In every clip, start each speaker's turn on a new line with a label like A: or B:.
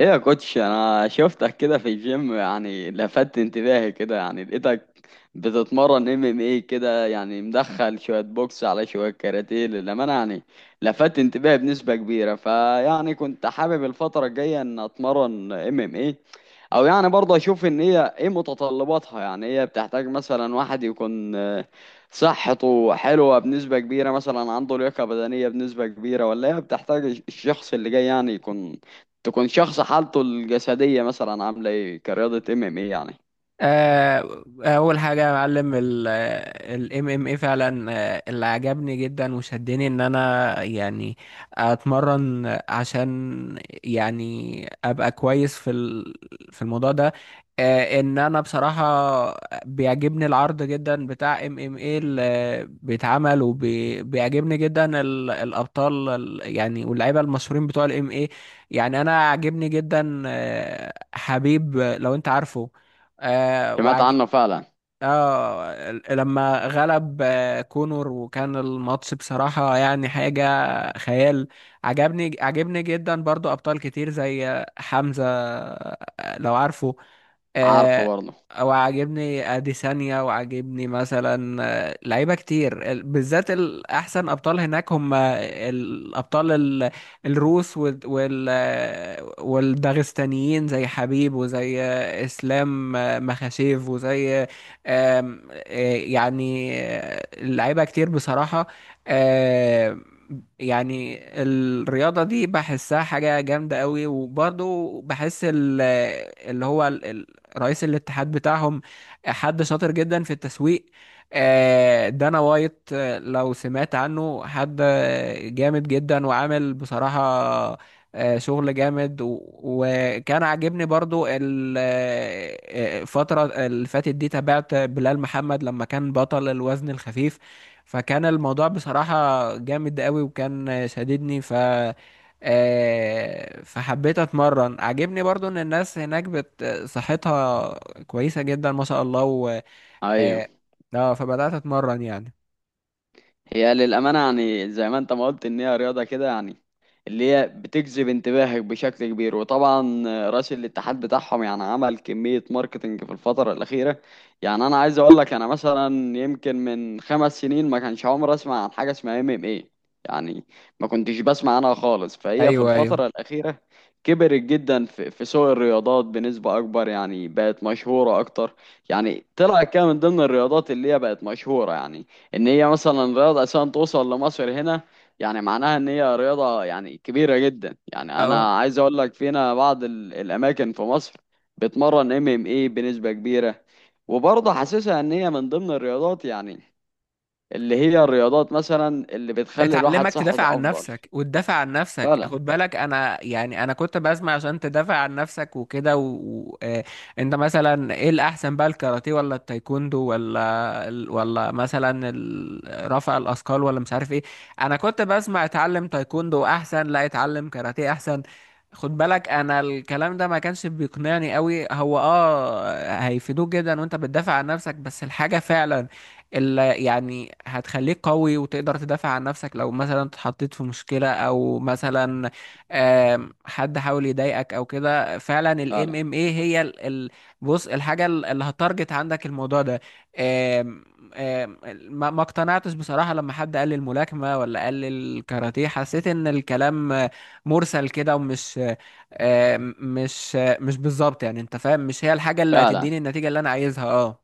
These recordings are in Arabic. A: ايه يا كوتش، انا شفتك كده في الجيم، يعني لفت انتباهي كده. يعني لقيتك بتتمرن ام ام اي كده، يعني مدخل شوية بوكس على شوية كاراتيه. للأمانة يعني لفت انتباهي بنسبة كبيرة، فيعني كنت حابب الفترة الجاية ان اتمرن ام ام اي. او يعني برضه اشوف ان هي ايه متطلباتها. يعني هي بتحتاج مثلا واحد يكون صحته حلوة بنسبة كبيرة، مثلا عنده لياقة بدنية بنسبة كبيرة، ولا هي بتحتاج الشخص اللي جاي يعني يكون، تكون شخص حالته الجسدية مثلا عاملة ايه كرياضة ام ام ايه يعني.
B: اول حاجه يا معلم الام ام اي فعلا. اللي عجبني جدا وشدني ان انا يعني اتمرن عشان يعني ابقى كويس في في الموضوع ده. ان انا بصراحه بيعجبني العرض جدا بتاع ام ام اي اللي بيتعمل، وبيعجبني جدا الابطال يعني واللعيبه المشهورين بتوع الام اي. يعني انا عاجبني جدا، حبيب، لو انت عارفه. آه
A: سمعت
B: وعج...
A: عنه فعلا.
B: اه، لما غلب كونور وكان الماتش بصراحة يعني حاجة خيال. عجبني جدا برضو أبطال كتير زي حمزة، لو عارفه.
A: عارفه
B: آه،
A: برضه.
B: او عاجبني اديسانيا، وعاجبني مثلا لعيبه كتير، بالذات الاحسن ابطال هناك هم الابطال الروس وال وال- آه، والداغستانيين زي حبيب، وزي اسلام مخاشيف، وزي آم، آه، يعني لعيبه كتير بصراحه. آه، يعني الرياضة دي بحسها حاجة جامدة قوي، وبرضو بحس اللي هو رئيس الاتحاد بتاعهم حد شاطر جدا في التسويق. دانا وايت، لو سمعت عنه، حد جامد جدا وعامل بصراحة شغل جامد، و- وكان عاجبني برضو الفترة اللي فاتت دي تابعت بلال محمد لما كان بطل الوزن الخفيف. فكان الموضوع بصراحة جامد قوي وكان شديدني ف آه، فحبيت اتمرن. عجبني برضو ان الناس هناك صحتها كويسة جدا ما شاء الله. و
A: ايوه،
B: اه. فبدأت اتمرن يعني.
A: هي للأمانة يعني زي ما انت ما قلت ان هي رياضة كده، يعني اللي هي بتجذب انتباهك بشكل كبير. وطبعا رئيس الاتحاد بتاعهم يعني عمل كمية ماركتينج في الفترة الأخيرة. يعني أنا عايز أقول لك أنا مثلا يمكن من خمس سنين ما كانش عمري أسمع عن حاجة اسمها ام ام ايه يعني، ما كنتش بسمع عنها خالص. فهي في
B: ايوه، ايوه.
A: الفترة الأخيرة كبرت جدا في سوق الرياضات بنسبة أكبر، يعني بقت مشهورة أكتر. يعني طلعت كده من ضمن الرياضات اللي هي بقت مشهورة، يعني ان هي مثلا رياضه اساسا توصل لمصر هنا، يعني معناها ان هي رياضه يعني كبيره جدا. يعني
B: اه.
A: انا عايز اقول لك فينا بعض الاماكن في مصر بتمرن ام ام اي بنسبه كبيره. وبرضه حاسسها ان هي من ضمن الرياضات، يعني اللي هي الرياضات مثلا اللي بتخلي الواحد
B: اتعلمك تدافع
A: صحته
B: عن
A: افضل.
B: نفسك وتدافع عن نفسك.
A: فعلا.
B: خد بالك، انا كنت بسمع عشان تدافع عن نفسك وكده. و... و... آه، انت مثلا ايه الاحسن بقى؟ الكاراتيه، ولا التايكوندو، ولا ولا مثلا رفع الاثقال، ولا مش عارف ايه. انا كنت بسمع اتعلم تايكوندو احسن، لا اتعلم كاراتيه احسن. خد بالك، انا الكلام ده ما كانش بيقنعني قوي. هو اه، هيفيدوك جدا وانت بتدافع عن نفسك، بس الحاجة فعلا اللي يعني هتخليك قوي وتقدر تدافع عن نفسك لو مثلا اتحطيت في مشكلة، او مثلا حد حاول يضايقك او كده، فعلا الام
A: فعلا.
B: ام اي هي ال بص، الحاجة اللي هتارجت عندك الموضوع ده. آم، آم، ما اقتنعتش بصراحة لما حد قال لي الملاكمة ولا قال لي الكاراتيه. حسيت ان الكلام مرسل كده، ومش مش بالظبط. يعني انت فاهم، مش هي الحاجة اللي
A: فعلا.
B: هتديني النتيجة اللي انا عايزها. اه.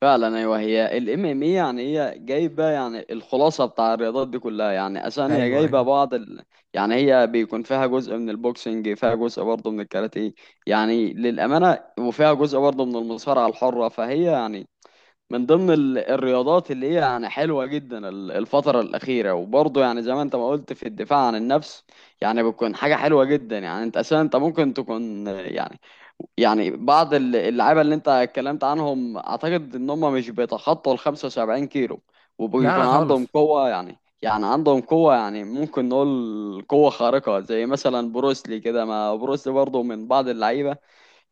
A: فعلا. ايوه، هي الام ام اي يعني هي جايبه يعني الخلاصه بتاع الرياضات دي كلها. يعني اساسا هي
B: ايوه،
A: جايبه
B: ايوه.
A: بعض يعني هي بيكون فيها جزء من البوكسنج، فيها جزء برضه من الكاراتيه يعني، للامانه، وفيها جزء برضه من المصارعه الحره. فهي يعني من ضمن الرياضات اللي هي يعني حلوه جدا الفتره الاخيره. وبرضه يعني زي ما انت ما قلت في الدفاع عن النفس، يعني بتكون حاجه حلوه جدا. يعني انت اساسا انت ممكن تكون يعني، يعني بعض اللعيبه اللي انت اتكلمت عنهم اعتقد ان هم مش بيتخطوا ال 75 كيلو،
B: لا، لا،
A: وبيكون عندهم
B: خالص.
A: قوه يعني، يعني عندهم قوه، يعني ممكن نقول قوه خارقه زي مثلا بروسلي كده. ما بروسلي برضه من بعض اللعيبه.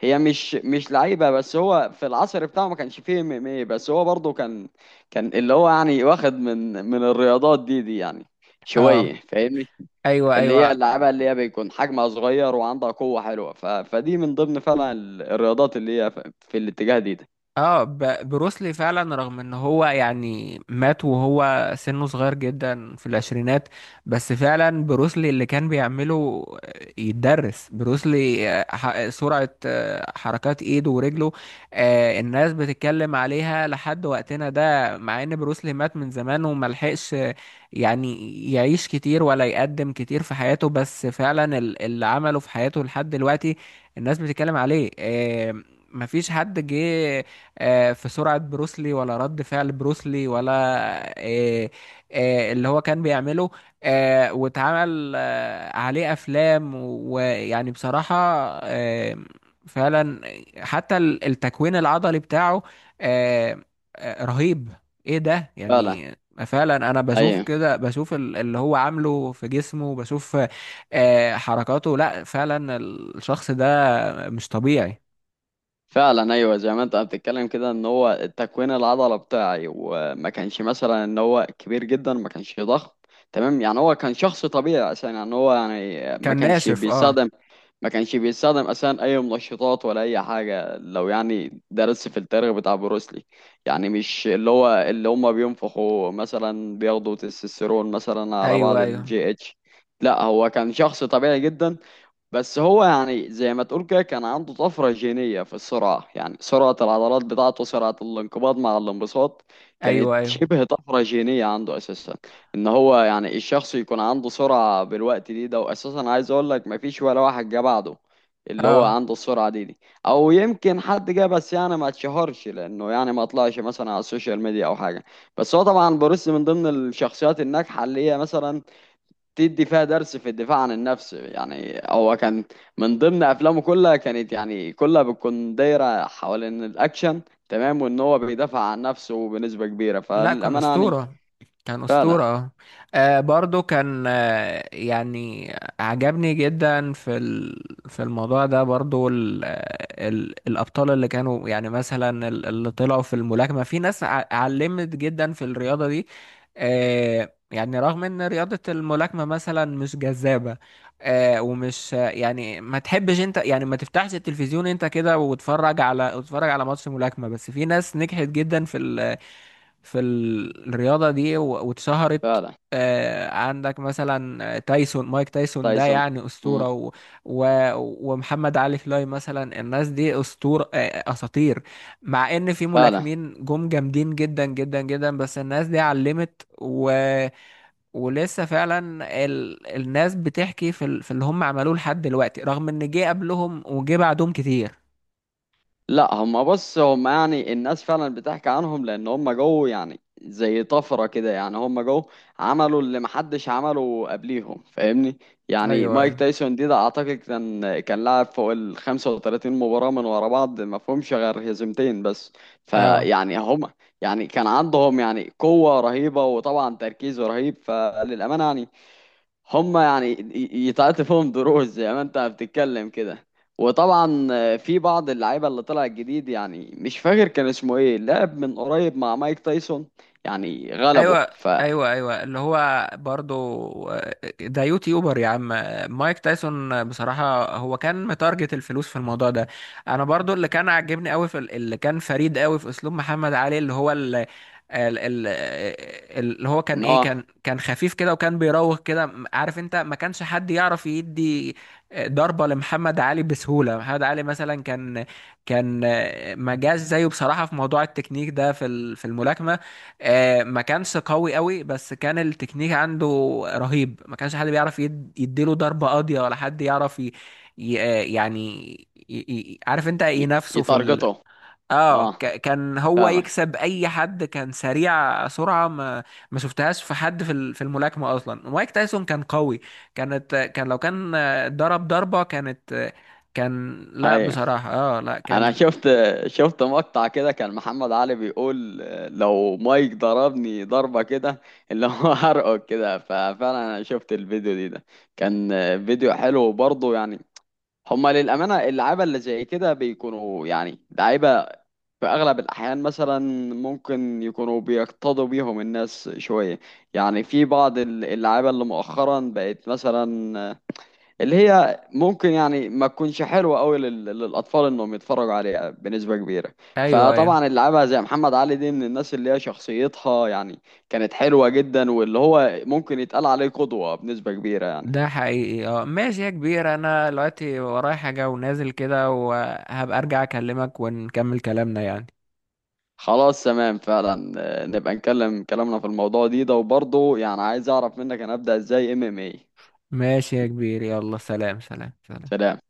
A: هي مش لعيبه، بس هو في العصر بتاعه ما كانش فيه ام ام اي، بس هو برضه كان، كان اللي هو يعني واخد من الرياضات دي يعني شويه،
B: اه.
A: فاهمني.
B: ايوه،
A: اللي
B: ايوه.
A: هي اللعبة اللي هي بيكون حجمها صغير وعندها قوة حلوة. ف... فدي من ضمن فعلا الرياضات اللي هي في الاتجاه دي, ده.
B: اه، بروسلي فعلا، رغم ان هو يعني مات وهو سنه صغير جدا في العشرينات. بس فعلا بروسلي اللي كان بيعمله يتدرس. بروسلي سرعة، حركات ايده ورجله. الناس بتتكلم عليها لحد وقتنا ده، مع ان بروسلي مات من زمان وملحقش يعني يعيش كتير ولا يقدم كتير في حياته. بس فعلا اللي عمله في حياته لحد دلوقتي الناس بتتكلم عليه. مفيش حد جه في سرعة بروسلي، ولا رد فعل بروسلي، ولا آه، اللي هو كان بيعمله. واتعمل عليه أفلام ويعني بصراحة آه، فعلا. حتى التكوين العضلي بتاعه آه، رهيب. ايه ده
A: فعلا.
B: يعني. فعلا، انا بشوف
A: ايوه
B: كده، بشوف اللي هو عامله في جسمه، بشوف حركاته. لا فعلا الشخص ده مش طبيعي.
A: فعلا. ايوه، زي ما انت بتتكلم كده ان هو تكوين العضلة بتاعي، وما كانش مثلا ان هو كبير جدا، ما كانش ضخم، تمام. يعني هو كان شخص طبيعي، عشان يعني هو يعني ما
B: كان
A: كانش
B: ناشف، اه.
A: بيستخدم، ما كانش بيستخدم اساسا اي منشطات ولا اي حاجه. لو يعني درس في التاريخ بتاع بروسلي، يعني مش اللي هو اللي هم بينفخوا مثلا بياخدوا تستوستيرون مثلا على
B: ايوه،
A: بعض
B: ايوه.
A: الجي اتش. لا، هو كان شخص طبيعي جدا، بس هو يعني زي ما تقول كده كان عنده طفرة جينية في السرعة، يعني سرعة العضلات بتاعته، سرعة الانقباض مع الانبساط
B: ايوه،
A: كانت
B: ايوه.
A: شبه طفرة جينية عنده أساسا. إن هو يعني الشخص يكون عنده سرعة بالوقت دي ده، وأساسا عايز أقول لك مفيش ولا واحد جه بعده اللي هو
B: اه،
A: عنده السرعة دي دي. أو يمكن حد جه بس يعني ما اتشهرش، لأنه يعني ما طلعش مثلا على السوشيال ميديا أو حاجة. بس هو طبعا بروس من ضمن الشخصيات الناجحة اللي هي مثلا تدي فيها درس في الدفاع عن النفس. يعني هو كان من ضمن افلامه كلها كانت يعني كلها بتكون دايره حوالين الاكشن، تمام، وان هو بيدافع عن نفسه بنسبه كبيره.
B: لا كان
A: فللامانه يعني
B: أسطورة. كان أسطورة،
A: فعلا
B: اه. برضو كان يعني عجبني جدا في في الموضوع ده، برضو ال آه، ال الأبطال اللي كانوا يعني مثلا اللي طلعوا في الملاكمة. في ناس علمت جدا في الرياضة دي. يعني رغم ان رياضة الملاكمة مثلا مش جذابة، ومش يعني ما تحبش انت يعني ما تفتحش التلفزيون انت كده وتتفرج على ماتش ملاكمة، بس في ناس نجحت جدا في الرياضة دي و- واتشهرت.
A: فعلا.
B: عندك مثلا تايسون، مايك تايسون ده
A: تايسون.
B: يعني
A: مم.
B: أسطورة. و... ومحمد علي كلاي مثلا، الناس دي أسطورة، أساطير. مع إن في
A: فعلا.
B: ملاكمين جم جامدين جدا جدا جدا، بس الناس دي علمت. ولسه فعلا الناس بتحكي في اللي هم عملوه لحد دلوقتي، رغم إن جه قبلهم وجه بعدهم كتير.
A: لا، هما بص هما يعني الناس فعلا بتحكي عنهم لان هما جو يعني زي طفرة كده، يعني هما جو عملوا اللي محدش عمله قبليهم، فاهمني. يعني
B: ايوه،
A: مايك
B: ايوه.
A: تايسون دي ده اعتقد كان، كان لعب فوق ال 35 مباراة من ورا بعض ما فيهمش غير هزيمتين بس.
B: اه.
A: فيعني هما يعني كان عندهم يعني قوة رهيبة، وطبعا تركيز رهيب. فللأمانة يعني هما يعني يتعطي فيهم دروس زي ما انت بتتكلم كده. وطبعا في بعض اللعيبه اللي طلع جديد، يعني مش فاكر كان اسمه ايه، لعب من قريب مع مايك تايسون، يعني غلبه.
B: ايوه،
A: ف
B: ايوه، ايوه. اللي هو برضو ده يوتيوبر يا عم. مايك تايسون بصراحه هو كان متارجت الفلوس في الموضوع ده. انا برضو، اللي كان عاجبني قوي في اللي كان فريد قوي في اسلوب محمد علي، اللي هو ال- ال- اللي هو كان
A: ان
B: ايه، كان
A: هو
B: كان خفيف كده وكان بيراوغ كده، عارف انت، ما كانش حد يعرف يدي ضربة لمحمد علي بسهولة. محمد علي مثلا كان مجاز زيه بصراحة في موضوع التكنيك ده في في الملاكمة. ما كانش قوي قوي، بس كان التكنيك عنده رهيب. ما كانش حد بيعرف يديله ضربة قاضية، ولا حد يعرف ي... ي... آه، يعني عارف انت، ينافسه في
A: يتارجته.
B: اه،
A: اه،
B: كان هو
A: فاهمك.
B: يكسب اي حد. كان سريع سرعة ما شفتهاش في حد في في الملاكمة. اصلا مايك تايسون كان قوي. كان لو كان ضرب ضربة، كانت كان. لا
A: ايوه،
B: بصراحة، اه لا
A: انا
B: كان.
A: شفت، شفت مقطع كده كان محمد علي بيقول لو مايك ضربني ضربه كده اللي هو هرقه كده. ففعلا انا شفت الفيديو دي ده، كان فيديو حلو برضه يعني. هما للأمانة اللعيبة اللي زي كده بيكونوا يعني لعيبة في أغلب الأحيان، مثلا ممكن يكونوا بيقتضوا بيهم الناس شوية. يعني في بعض اللعيبة اللي مؤخرا بقت مثلا اللي هي ممكن يعني ما تكونش حلوة أوي للأطفال إنهم يتفرجوا عليها بنسبة كبيرة.
B: ايوه، ايوه.
A: فطبعا اللعيبة زي محمد علي دي من الناس اللي هي شخصيتها يعني كانت حلوة جدا، واللي هو ممكن يتقال عليه قدوة بنسبة كبيرة يعني.
B: ده حقيقي، اه. ماشي يا كبير، انا دلوقتي ورايا حاجة ونازل كده، وهبقى ارجع اكلمك ونكمل كلامنا يعني.
A: خلاص تمام، فعلا. نبقى نكلم كلامنا في الموضوع دي ده، وبرضه يعني عايز اعرف منك انا ابدأ ازاي ام ام اي.
B: ماشي يا كبير، يلا سلام، سلام، سلام.
A: سلام.